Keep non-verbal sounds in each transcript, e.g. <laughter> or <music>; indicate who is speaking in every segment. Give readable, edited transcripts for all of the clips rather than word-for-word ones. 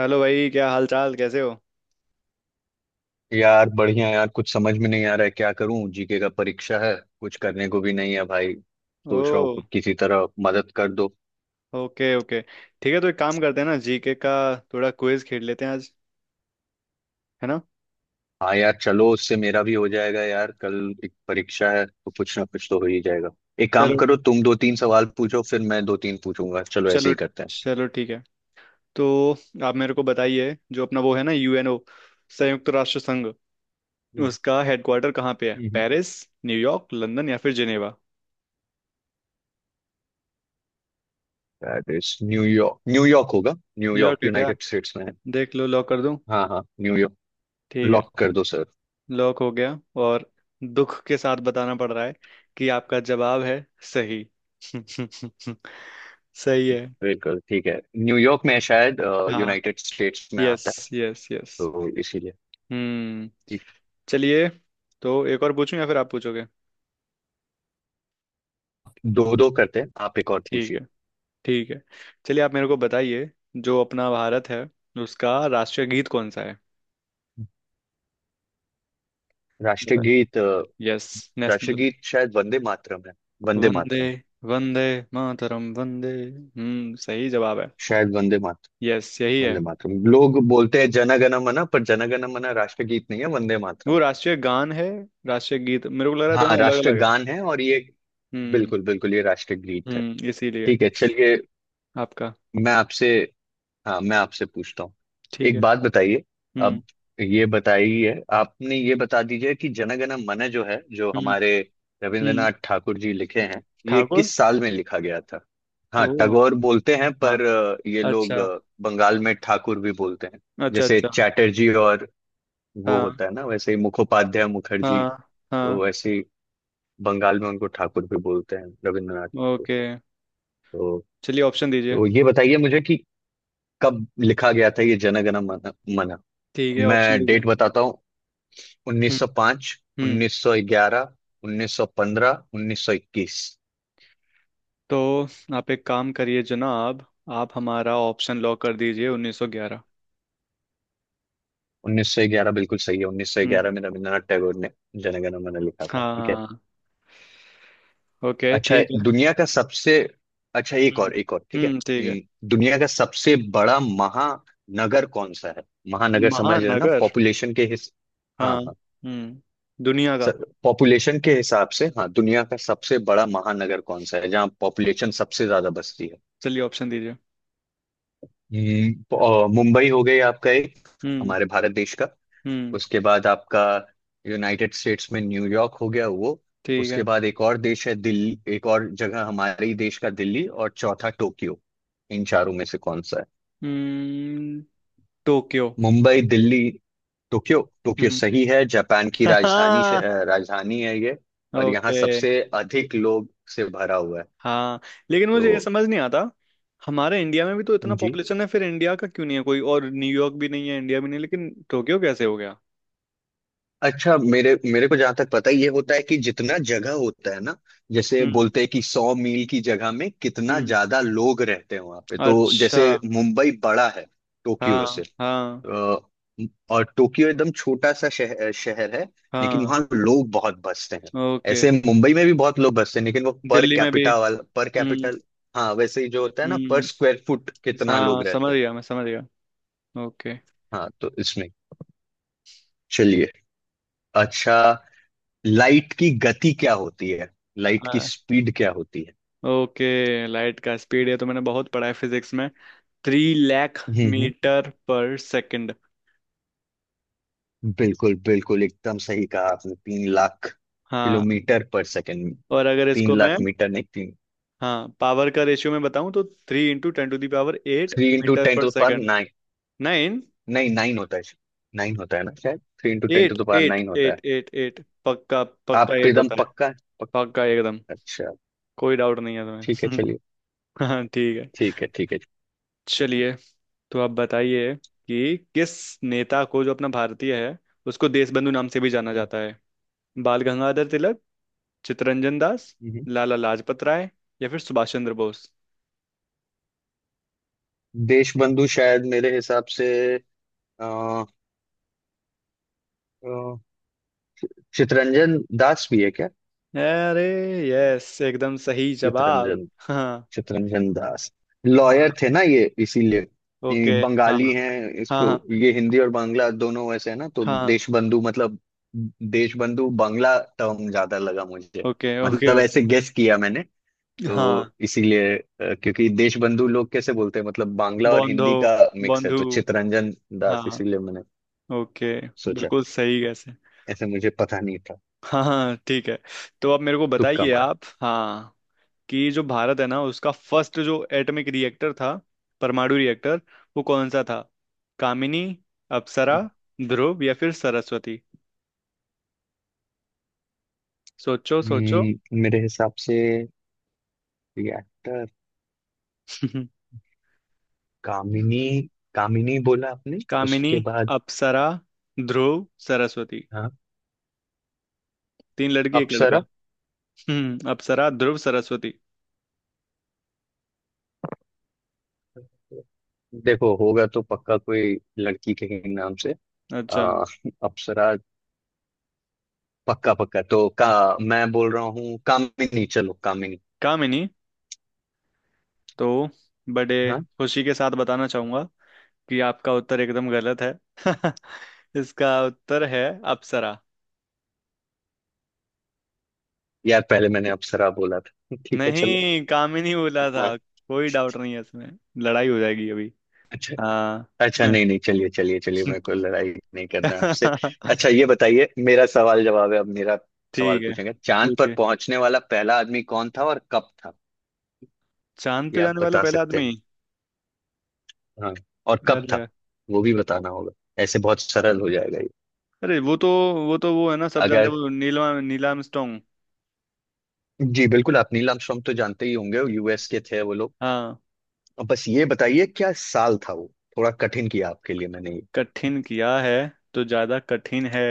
Speaker 1: Hello भाई, क्या हाल चाल? कैसे हो?
Speaker 2: यार बढ़िया यार, कुछ समझ में नहीं आ रहा है। क्या करूं, जीके का परीक्षा है। कुछ करने को भी नहीं है भाई। सोच रहा हूँ
Speaker 1: ओ।
Speaker 2: किसी तरह मदद कर दो।
Speaker 1: ओके ओके, ठीक है। तो एक काम करते हैं ना, जीके का थोड़ा क्विज खेल लेते हैं आज, है ना?
Speaker 2: हाँ यार, चलो उससे मेरा भी हो जाएगा यार। कल एक परीक्षा है तो कुछ ना कुछ तो हो ही जाएगा। एक काम
Speaker 1: चलो
Speaker 2: करो, तुम दो तीन सवाल पूछो फिर मैं दो तीन पूछूंगा। चलो ऐसे
Speaker 1: चलो
Speaker 2: ही करते हैं।
Speaker 1: चलो, ठीक है। तो आप मेरे को बताइए, जो अपना वो है ना, यूएनओ, संयुक्त राष्ट्र संघ,
Speaker 2: हम्म।
Speaker 1: उसका हेडक्वार्टर कहाँ पे है?
Speaker 2: हम्म।
Speaker 1: पेरिस, न्यूयॉर्क, लंदन या फिर Geneva?
Speaker 2: That is New York, New York होगा। न्यूयॉर्क
Speaker 1: न्यूयॉर्क है क्या?
Speaker 2: यूनाइटेड स्टेट्स में है।
Speaker 1: देख लो, लॉक कर दूं?
Speaker 2: हाँ हाँ, न्यूयॉर्क।
Speaker 1: ठीक है,
Speaker 2: लॉक कर दो सर।
Speaker 1: लॉक हो गया। और दुख के साथ बताना पड़ रहा है कि आपका जवाब है सही। <laughs> सही है।
Speaker 2: बिल्कुल ठीक है। न्यूयॉर्क में शायद
Speaker 1: हाँ।
Speaker 2: यूनाइटेड स्टेट्स में
Speaker 1: यस।
Speaker 2: आता है,
Speaker 1: यस यस।
Speaker 2: तो इसीलिए।
Speaker 1: हम्म। चलिए, तो एक और पूछूं या फिर आप पूछोगे?
Speaker 2: दो दो करते हैं, आप एक और
Speaker 1: ठीक
Speaker 2: पूछिए।
Speaker 1: है ठीक है। चलिए, आप मेरे को बताइए, जो अपना भारत है, उसका राष्ट्रीय गीत कौन सा है? बताए।
Speaker 2: राष्ट्रगीत
Speaker 1: यस। नेशनल।
Speaker 2: राष्ट्रगीत शायद वंदे मातरम है। वंदे
Speaker 1: वंदे,
Speaker 2: मातरम।
Speaker 1: वंदे मातरम, वंदे। हम्म, सही जवाब है।
Speaker 2: शायद वंदे मातरम।
Speaker 1: यस, यही है।
Speaker 2: वंदे मातरम लोग बोलते हैं, जन गण मन। पर जन गण मन राष्ट्रगीत नहीं है, वंदे
Speaker 1: वो
Speaker 2: मातरम।
Speaker 1: राष्ट्रीय गान है, राष्ट्रीय गीत मेरे को लग रहा है
Speaker 2: हाँ,
Speaker 1: दोनों अलग अलग है।
Speaker 2: राष्ट्रगान है और ये
Speaker 1: हम्म।
Speaker 2: बिल्कुल बिल्कुल ये राष्ट्रगीत है।
Speaker 1: हम्म, इसीलिए।
Speaker 2: ठीक है, चलिए।
Speaker 1: आपका।
Speaker 2: मैं आपसे हाँ, मैं आपसे पूछता हूँ।
Speaker 1: ठीक
Speaker 2: एक
Speaker 1: है।
Speaker 2: बात बताइए।
Speaker 1: हम्म।
Speaker 2: अब ये बताइए आपने ये बता दीजिए कि जनगण मन जो है, जो
Speaker 1: हम्म।
Speaker 2: हमारे
Speaker 1: हम्म।
Speaker 2: रविंद्रनाथ ठाकुर जी लिखे हैं, ये
Speaker 1: ठाकुर।
Speaker 2: किस साल में लिखा गया था। हाँ,
Speaker 1: ओ।
Speaker 2: टगोर बोलते हैं
Speaker 1: हाँ।
Speaker 2: पर ये लोग
Speaker 1: अच्छा।
Speaker 2: बंगाल में ठाकुर भी बोलते हैं।
Speaker 1: अच्छा
Speaker 2: जैसे
Speaker 1: अच्छा।
Speaker 2: चैटर्जी और वो
Speaker 1: हाँ
Speaker 2: होता है ना, वैसे ही मुखोपाध्याय मुखर्जी।
Speaker 1: हाँ हाँ।
Speaker 2: तो वैसे ही बंगाल में उनको ठाकुर भी बोलते हैं, रविंद्रनाथ ठाकुर।
Speaker 1: ओके।
Speaker 2: तो,
Speaker 1: चलिए, ऑप्शन दीजिए।
Speaker 2: तो ये बताइए मुझे कि कब लिखा गया था ये जनगण मन।
Speaker 1: ठीक है, ऑप्शन
Speaker 2: मैं
Speaker 1: दीजिए।
Speaker 2: डेट बताता हूँ।
Speaker 1: हम्म।
Speaker 2: 1905,
Speaker 1: हम्म।
Speaker 2: 1911, 1915, 1921।
Speaker 1: तो आप एक काम करिए जनाब, आप हमारा ऑप्शन लॉक कर दीजिए 1911।
Speaker 2: 1911 बिल्कुल सही है।
Speaker 1: हम्म।
Speaker 2: 1911 में रविंद्रनाथ टैगोर ने जनगण मन लिखा था, ठीक है।
Speaker 1: हाँ। ओके
Speaker 2: अच्छा,
Speaker 1: ठीक है।
Speaker 2: दुनिया का सबसे अच्छा एक
Speaker 1: हम्म।
Speaker 2: और एक और, ठीक है।
Speaker 1: हम्म, ठीक है।
Speaker 2: दुनिया का सबसे बड़ा महानगर कौन सा है? महानगर समझ रहे हैं ना,
Speaker 1: महानगर।
Speaker 2: पॉपुलेशन के हिस हाँ
Speaker 1: हाँ,
Speaker 2: हाँ
Speaker 1: हम्म, दुनिया का।
Speaker 2: सर, पॉपुलेशन के हिसाब से, हाँ। दुनिया का सबसे बड़ा महानगर कौन सा है, जहाँ पॉपुलेशन सबसे ज्यादा बसती है।
Speaker 1: चलिए, ऑप्शन दीजिए।
Speaker 2: मुंबई हो गई आपका एक,
Speaker 1: हम्म।
Speaker 2: हमारे भारत देश का।
Speaker 1: हम्म।
Speaker 2: उसके बाद आपका यूनाइटेड स्टेट्स में न्यूयॉर्क हो गया वो।
Speaker 1: ठीक
Speaker 2: उसके
Speaker 1: है।
Speaker 2: बाद एक और देश है दिल्ली, एक और जगह हमारे ही देश का दिल्ली। और चौथा टोक्यो। इन चारों में से कौन सा है?
Speaker 1: हम्म, Tokyo.
Speaker 2: Mumbai, Delhi, Tokyo. Tokyo
Speaker 1: हम्म।
Speaker 2: सही है। जापान की राजधानी
Speaker 1: <laughs>
Speaker 2: राजधानी है ये। और यहाँ
Speaker 1: ओके।
Speaker 2: सबसे अधिक लोग से भरा हुआ है,
Speaker 1: हाँ। लेकिन मुझे ये
Speaker 2: तो।
Speaker 1: समझ नहीं आता, हमारे इंडिया में भी तो इतना
Speaker 2: जी।
Speaker 1: पॉपुलेशन है, फिर इंडिया का क्यों नहीं है? कोई और न्यूयॉर्क भी नहीं है, इंडिया भी नहीं है, लेकिन टोक्यो कैसे हो गया?
Speaker 2: अच्छा, मेरे मेरे को जहां तक पता है, ये होता है कि जितना जगह होता है ना, जैसे
Speaker 1: हम्म।
Speaker 2: बोलते हैं कि 100 मील की जगह में कितना
Speaker 1: हम्म।
Speaker 2: ज्यादा लोग रहते हैं वहां पे, तो।
Speaker 1: अच्छा।
Speaker 2: जैसे मुंबई बड़ा है टोक्यो
Speaker 1: हाँ
Speaker 2: से।
Speaker 1: हाँ।
Speaker 2: अ, और टोक्यो एकदम छोटा सा शहर शहर है। लेकिन
Speaker 1: हाँ।
Speaker 2: वहाँ लोग बहुत बसते हैं।
Speaker 1: ओके।
Speaker 2: ऐसे मुंबई में भी बहुत लोग बसते हैं, लेकिन वो पर
Speaker 1: दिल्ली में भी।
Speaker 2: कैपिटा वाला पर
Speaker 1: हम्म।
Speaker 2: कैपिटल। हाँ, वैसे ही जो होता है ना, पर
Speaker 1: हम्म।
Speaker 2: स्क्वायर फुट कितना
Speaker 1: हाँ
Speaker 2: लोग
Speaker 1: समझ
Speaker 2: रहते हैं।
Speaker 1: गया, मैं समझ गया। ओके।
Speaker 2: हाँ तो इसमें, चलिए, अच्छा। लाइट की गति क्या होती है? लाइट की
Speaker 1: आ,
Speaker 2: स्पीड क्या होती है?
Speaker 1: ओके, लाइट का स्पीड है तो मैंने बहुत पढ़ा है फिजिक्स में। 3 लाख
Speaker 2: हम्म। हम्म।
Speaker 1: Metre per second.
Speaker 2: बिल्कुल बिल्कुल एकदम सही कहा आपने, 3 लाख
Speaker 1: हाँ।
Speaker 2: Kilometre per second.
Speaker 1: और अगर
Speaker 2: तीन
Speaker 1: इसको मैं,
Speaker 2: लाख मीटर नहीं, तीन।
Speaker 1: हाँ, पावर का रेशियो मैं बताऊं तो three into ten to the power eight
Speaker 2: three into
Speaker 1: metre
Speaker 2: ten
Speaker 1: पर
Speaker 2: टू पावर
Speaker 1: सेकंड।
Speaker 2: नाइन।
Speaker 1: 9।
Speaker 2: नहीं, नाइन होता है। नाइन होता है ना शायद, three into ten
Speaker 1: eight
Speaker 2: to power
Speaker 1: eight
Speaker 2: nine होता
Speaker 1: एट
Speaker 2: है।
Speaker 1: एट एट पक्का। पक्का
Speaker 2: आप
Speaker 1: एट
Speaker 2: एकदम
Speaker 1: होता है।
Speaker 2: पक्का है? पक्का।
Speaker 1: पक्का एकदम।
Speaker 2: अच्छा।
Speaker 1: कोई डाउट नहीं है
Speaker 2: ठीक है
Speaker 1: तुम्हें।
Speaker 2: चलिए।
Speaker 1: <laughs> हाँ ठीक है।
Speaker 2: ठीक है ठीक है।
Speaker 1: चलिए, तो आप बताइए कि किस नेता को, जो अपना भारतीय है, उसको देशबंधु नाम से भी जाना
Speaker 2: हम्म।
Speaker 1: जाता है? बाल गंगाधर तिलक, चित्तरंजन दास,
Speaker 2: हम्म।
Speaker 1: लाला लाजपत राय या फिर सुभाष चंद्र बोस?
Speaker 2: देशबंधु शायद मेरे हिसाब से, अ, अ, चितरंजन दास भी है क्या?
Speaker 1: अरे, यस एकदम सही जवाब।
Speaker 2: चितरंजन
Speaker 1: हाँ।
Speaker 2: चित्तरंजन दास
Speaker 1: हाँ।
Speaker 2: लॉयर थे ना, ये इसीलिए।
Speaker 1: ओके।
Speaker 2: ये
Speaker 1: हाँ
Speaker 2: बंगाली हैं।
Speaker 1: हाँ।
Speaker 2: इसको
Speaker 1: हाँ।
Speaker 2: ये हिंदी और बांग्ला दोनों वैसे है ना, तो
Speaker 1: हाँ।
Speaker 2: देशबंधु मतलब देशबंधु बांग्ला टर्म ज्यादा लगा मुझे,
Speaker 1: ओके ओके।
Speaker 2: मतलब ऐसे गेस किया मैंने। तो
Speaker 1: हाँ।
Speaker 2: इसीलिए क्योंकि देशबंधु लोग कैसे बोलते हैं, मतलब बांग्ला और
Speaker 1: बंधो।
Speaker 2: हिंदी का मिक्स है,
Speaker 1: बंधु।
Speaker 2: तो चित्तरंजन दास,
Speaker 1: हाँ।
Speaker 2: इसीलिए मैंने
Speaker 1: ओके।
Speaker 2: सोचा।
Speaker 1: बिल्कुल सही गैस है।
Speaker 2: ऐसे मुझे पता नहीं था।
Speaker 1: हाँ हाँ, ठीक है। तो अब मेरे को
Speaker 2: तुक्का
Speaker 1: बताइए,
Speaker 2: मारा।
Speaker 1: आप, हाँ, कि जो भारत है ना, उसका फर्स्ट जो एटॉमिक रिएक्टर था, परमाणु रिएक्टर, वो कौन सा था? कामिनी, अप्सरा, ध्रुव या फिर सरस्वती? सोचो सोचो।
Speaker 2: मेरे हिसाब से एक्टर
Speaker 1: <laughs>
Speaker 2: कामिनी। कामिनी बोला आपने,
Speaker 1: कामिनी।
Speaker 2: उसके बाद?
Speaker 1: अप्सरा, ध्रुव, सरस्वती।
Speaker 2: हाँ,
Speaker 1: तीन लड़की एक लड़का।
Speaker 2: अप्सरा।
Speaker 1: हम्म, अप्सरा, ध्रुव, सरस्वती।
Speaker 2: देखो होगा तो पक्का कोई लड़की के ही नाम से।
Speaker 1: अच्छा।
Speaker 2: आ, अप्सरा पक्का पक्का। तो का, मैं बोल रहा हूँ कामिनी, चलो कामिनी।
Speaker 1: काम ही नहीं। तो बड़े
Speaker 2: हाँ,
Speaker 1: खुशी के साथ बताना चाहूंगा कि आपका उत्तर एकदम गलत है। <laughs> इसका उत्तर है अप्सरा।
Speaker 2: यार पहले मैंने अप्सरा बोला था <laughs> ठीक है चलो।
Speaker 1: नहीं, कामिनी बोला था।
Speaker 2: हाँ।
Speaker 1: कोई डाउट नहीं है इसमें, लड़ाई हो जाएगी अभी।
Speaker 2: अच्छा।
Speaker 1: हाँ।
Speaker 2: अच्छा
Speaker 1: <laughs>
Speaker 2: नहीं नहीं, चलिए चलिए चलिए, मेरे को लड़ाई नहीं करना आपसे। अच्छा, ये बताइए, मेरा सवाल जवाब है। अब मेरा सवाल
Speaker 1: ठीक है।
Speaker 2: पूछेंगे। चांद पर
Speaker 1: पूछिए,
Speaker 2: पहुंचने वाला पहला आदमी कौन था और कब था?
Speaker 1: चांद
Speaker 2: ये
Speaker 1: पे
Speaker 2: आप
Speaker 1: जाने वाला
Speaker 2: बता
Speaker 1: पहला
Speaker 2: सकते
Speaker 1: आदमी।
Speaker 2: हैं, हाँ, और कब था
Speaker 1: अरे।
Speaker 2: वो भी बताना होगा, ऐसे बहुत सरल हो जाएगा ये।
Speaker 1: अरे, वो है ना, सब जानते
Speaker 2: अगर,
Speaker 1: हैं वो, नील आर्मस्ट्रांग।
Speaker 2: जी बिल्कुल, आप नील आर्मस्ट्रॉन्ग तो जानते ही होंगे, यूएस के थे वो लोग।
Speaker 1: हाँ।
Speaker 2: अब बस ये बताइए क्या साल था वो। थोड़ा कठिन किया आपके लिए मैंने ये।
Speaker 1: कठिन किया है तो ज्यादा कठिन है,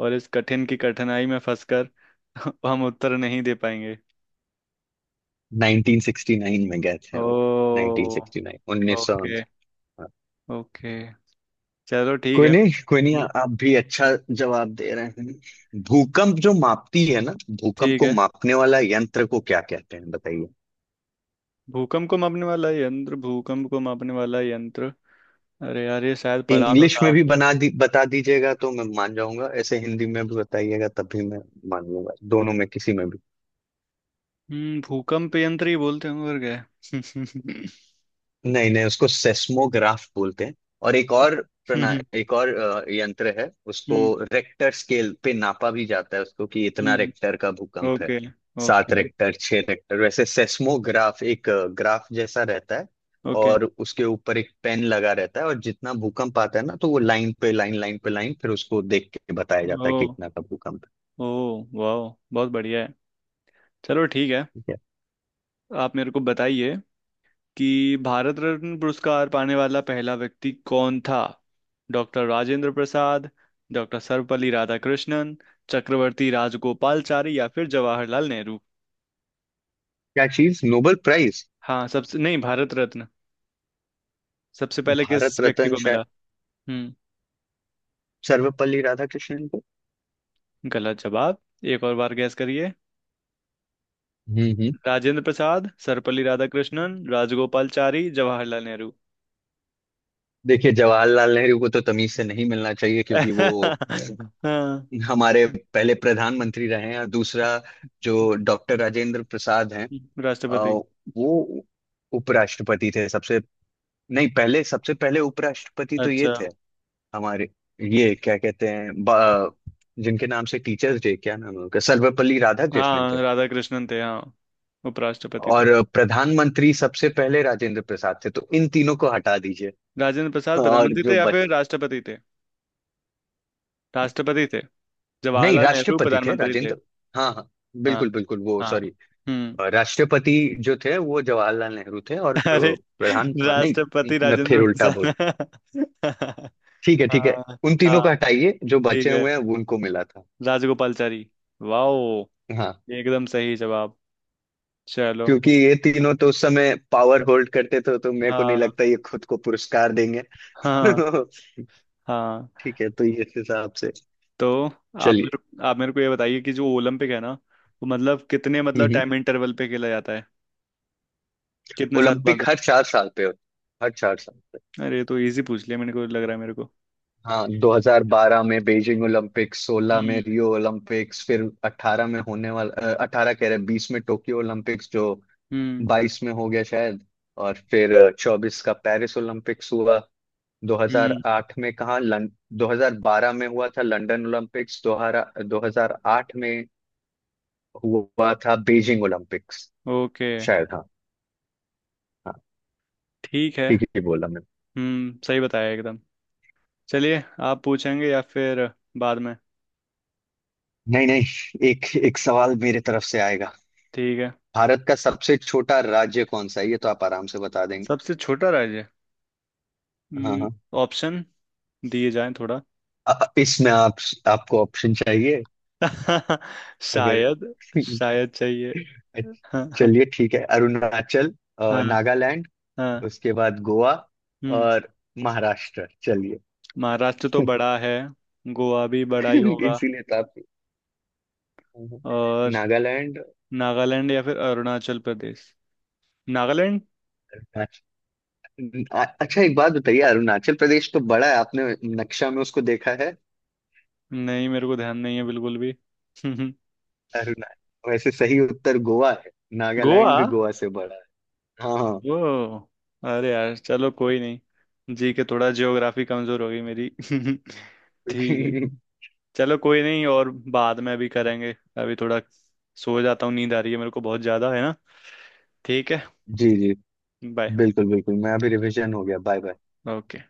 Speaker 1: और इस कठिन की कठिनाई में फंसकर <laughs> हम उत्तर नहीं दे पाएंगे।
Speaker 2: 1969 में गए थे वो,
Speaker 1: ओ।
Speaker 2: 1969, उन्नीस सौ।
Speaker 1: ओके।
Speaker 2: हाँ।
Speaker 1: ओके। चलो ठीक
Speaker 2: कोई
Speaker 1: है।
Speaker 2: नहीं कोई नहीं।
Speaker 1: हम्म,
Speaker 2: आप भी अच्छा जवाब दे रहे हैं। भूकंप जो मापती है ना, भूकंप
Speaker 1: ठीक
Speaker 2: को
Speaker 1: है।
Speaker 2: मापने वाला यंत्र को क्या कहते हैं, बताइए।
Speaker 1: भूकंप को मापने वाला यंत्र, भूकंप को मापने वाला यंत्र। अरे यार, ये शायद पढ़ा तो
Speaker 2: इंग्लिश
Speaker 1: था।
Speaker 2: में भी बना दी बता दीजिएगा तो मैं मान जाऊंगा, ऐसे हिंदी में भी बताइएगा तब भी मैं मान लूंगा, दोनों में किसी में भी।
Speaker 1: हम्म, भूकंप यंत्र ही बोलते हैं, मगर गए। <laughs>
Speaker 2: नहीं नहीं, उसको सेस्मोग्राफ बोलते हैं। और एक और प्रणा
Speaker 1: हम्म।
Speaker 2: एक और यंत्र है, उसको रेक्टर स्केल पे नापा भी जाता है, उसको कि इतना
Speaker 1: हम्म।
Speaker 2: रेक्टर का भूकंप है।
Speaker 1: Okay
Speaker 2: 7
Speaker 1: okay.
Speaker 2: Rector, 6 rector. वैसे सेस्मोग्राफ एक ग्राफ जैसा रहता है,
Speaker 1: ओके।
Speaker 2: और उसके ऊपर एक पेन लगा रहता है, और जितना भूकंप आता है ना तो वो लाइन पे लाइन, लाइन पे लाइन, फिर उसको देख के बताया जाता
Speaker 1: ओ।
Speaker 2: है कि इतना का भूकंप
Speaker 1: ओ, वाह, बहुत बढ़िया है। चलो ठीक है।
Speaker 2: है।
Speaker 1: आप मेरे को बताइए कि भारत रत्न पुरस्कार पाने वाला पहला व्यक्ति कौन था? डॉक्टर राजेंद्र प्रसाद, डॉक्टर सर्वपल्ली राधाकृष्णन, चक्रवर्ती राजगोपालचारी या फिर जवाहरलाल नेहरू?
Speaker 2: क्या चीज, नोबेल प्राइज?
Speaker 1: हाँ, सबसे नहीं, भारत रत्न, सबसे पहले किस
Speaker 2: भारत
Speaker 1: व्यक्ति
Speaker 2: रत्न
Speaker 1: को
Speaker 2: शायद
Speaker 1: मिला? हम्म।
Speaker 2: सर्वपल्ली राधाकृष्णन को।
Speaker 1: गलत जवाब, एक और बार गैस करिए।
Speaker 2: हम्म।
Speaker 1: राजेंद्र प्रसाद, सर्वपल्ली राधाकृष्णन, राजगोपालचारी, जवाहरलाल नेहरू।
Speaker 2: देखिए, जवाहरलाल नेहरू को तो तमीज से नहीं मिलना चाहिए, क्योंकि वो
Speaker 1: <laughs> हाँ।
Speaker 2: हमारे पहले प्रधानमंत्री रहे हैं। और दूसरा, जो डॉक्टर राजेंद्र प्रसाद हैं, अ,
Speaker 1: राष्ट्रपति।
Speaker 2: वो उपराष्ट्रपति थे सबसे, नहीं पहले। सबसे पहले उपराष्ट्रपति तो ये
Speaker 1: अच्छा।
Speaker 2: थे हमारे, ये क्या कहते हैं, जिनके नाम से टीचर्स डे, क्या नाम है उनका, सर्वपल्ली राधाकृष्णन थे।
Speaker 1: हाँ, राधा कृष्णन थे, हाँ, उपराष्ट्रपति थे।
Speaker 2: और प्रधानमंत्री सबसे पहले राजेंद्र प्रसाद थे, तो इन तीनों को हटा दीजिए
Speaker 1: राजेंद्र प्रसाद
Speaker 2: और
Speaker 1: प्रधानमंत्री
Speaker 2: जो
Speaker 1: थे या फिर
Speaker 2: बच,
Speaker 1: राष्ट्रपति थे? राष्ट्रपति थे,
Speaker 2: नहीं,
Speaker 1: जवाहरलाल नेहरू
Speaker 2: राष्ट्रपति थे
Speaker 1: प्रधानमंत्री थे।
Speaker 2: राजेंद्र, हाँ हाँ,
Speaker 1: हाँ
Speaker 2: बिल्कुल बिल्कुल, वो
Speaker 1: हाँ।
Speaker 2: सॉरी,
Speaker 1: हम्म।
Speaker 2: राष्ट्रपति जो थे वो जवाहरलाल नेहरू थे और
Speaker 1: <laughs> अरे,
Speaker 2: प्रधान, नहीं,
Speaker 1: राष्ट्रपति
Speaker 2: मैं फिर
Speaker 1: राजेंद्र
Speaker 2: उल्टा बोल रहा
Speaker 1: प्रसाद।
Speaker 2: हूँ।
Speaker 1: <laughs>
Speaker 2: ठीक है ठीक है।
Speaker 1: हाँ।
Speaker 2: उन तीनों को
Speaker 1: हाँ।
Speaker 2: हटाइए, जो बचे
Speaker 1: ठीक है।
Speaker 2: हुए हैं वो उनको मिला था।
Speaker 1: राजगोपालचारी। वाओ,
Speaker 2: हाँ,
Speaker 1: एकदम सही जवाब। चलो।
Speaker 2: क्योंकि ये तीनों तो उस समय पावर होल्ड करते थे, तो मेरे को नहीं
Speaker 1: हाँ
Speaker 2: लगता ये खुद को पुरस्कार देंगे।
Speaker 1: हाँ
Speaker 2: <laughs>
Speaker 1: हाँ।
Speaker 2: ठीक है, तो ये इस हिसाब से,
Speaker 1: तो
Speaker 2: चलिए।
Speaker 1: आप मेरे को ये बताइए कि जो ओलंपिक है ना, वो मतलब कितने,
Speaker 2: हम्म।
Speaker 1: मतलब
Speaker 2: हम्म।
Speaker 1: टाइम इंटरवल पे खेला जाता है, कितने साल
Speaker 2: ओलंपिक
Speaker 1: बाद?
Speaker 2: हर 4 साल पे होते हैं, हर 4 साल पे।
Speaker 1: अरे, ये तो इजी पूछ लिया, मैंने को लग रहा है मेरे को।
Speaker 2: हाँ, 2012 में बीजिंग ओलंपिक, 16 में
Speaker 1: हम्म।
Speaker 2: रियो ओलंपिक्स, फिर 18 में होने वाला, 18 कह रहे, 20 में टोक्यो ओलंपिक्स जो
Speaker 1: हम्म।
Speaker 2: 22 में हो गया शायद, और फिर 24 का पेरिस ओलंपिक्स हुआ।
Speaker 1: हम्म।
Speaker 2: 2008 में कहाँ लं 2012 में हुआ था लंदन ओलंपिक्स, 2008 में हुआ था बीजिंग ओलंपिक्स,
Speaker 1: ओके।
Speaker 2: शायद। हाँ हाँ,
Speaker 1: ठीक है।
Speaker 2: ठीक ही बोला मैं।
Speaker 1: हम्म, सही बताया एकदम। चलिए, आप पूछेंगे या फिर बाद में?
Speaker 2: नहीं नहीं, एक एक सवाल मेरे तरफ से आएगा।
Speaker 1: ठीक है।
Speaker 2: भारत का सबसे छोटा राज्य कौन सा है, ये तो आप आराम से बता देंगे।
Speaker 1: सबसे छोटा राज्य।
Speaker 2: हाँ
Speaker 1: हम्म।
Speaker 2: हाँ।
Speaker 1: ऑप्शन दिए जाएं थोड़ा।
Speaker 2: इसमें आप आपको ऑप्शन चाहिए?
Speaker 1: <laughs>
Speaker 2: अगर
Speaker 1: शायद, शायद चाहिए।
Speaker 2: <laughs>
Speaker 1: <laughs> हाँ हाँ।
Speaker 2: चलिए ठीक है, अरुणाचल,
Speaker 1: हाँ।
Speaker 2: नागालैंड,
Speaker 1: हाँ,
Speaker 2: उसके बाद गोवा,
Speaker 1: हम्म।
Speaker 2: और महाराष्ट्र, चलिए।
Speaker 1: महाराष्ट्र तो
Speaker 2: <laughs>
Speaker 1: बड़ा है। गोवा भी बड़ा ही होगा।
Speaker 2: इसीलिए तो आप
Speaker 1: और
Speaker 2: नागालैंड,
Speaker 1: नागालैंड या फिर अरुणाचल प्रदेश? नागालैंड।
Speaker 2: अरुणाचल, अच्छा एक बात बताइए, अरुणाचल प्रदेश तो बड़ा है, आपने नक्शा में उसको देखा है?
Speaker 1: नहीं, मेरे को ध्यान नहीं है बिल्कुल भी। <laughs>
Speaker 2: अरुणाचल, वैसे सही उत्तर गोवा है,
Speaker 1: गोवा।
Speaker 2: नागालैंड भी गोवा से बड़ा है। हाँ हाँ।
Speaker 1: वो। अरे यार, चलो कोई नहीं, जी के थोड़ा ज्योग्राफी कमजोर हो गई मेरी। <laughs>
Speaker 2: <laughs>
Speaker 1: ठीक है,
Speaker 2: जी
Speaker 1: चलो कोई नहीं, और बाद में अभी करेंगे। अभी थोड़ा सो जाता हूँ, नींद आ रही है मेरे को बहुत ज्यादा, है ना? ठीक है।
Speaker 2: जी,
Speaker 1: बाय।
Speaker 2: बिल्कुल बिल्कुल, मैं अभी रिवीजन हो गया, बाय बाय।
Speaker 1: ओके।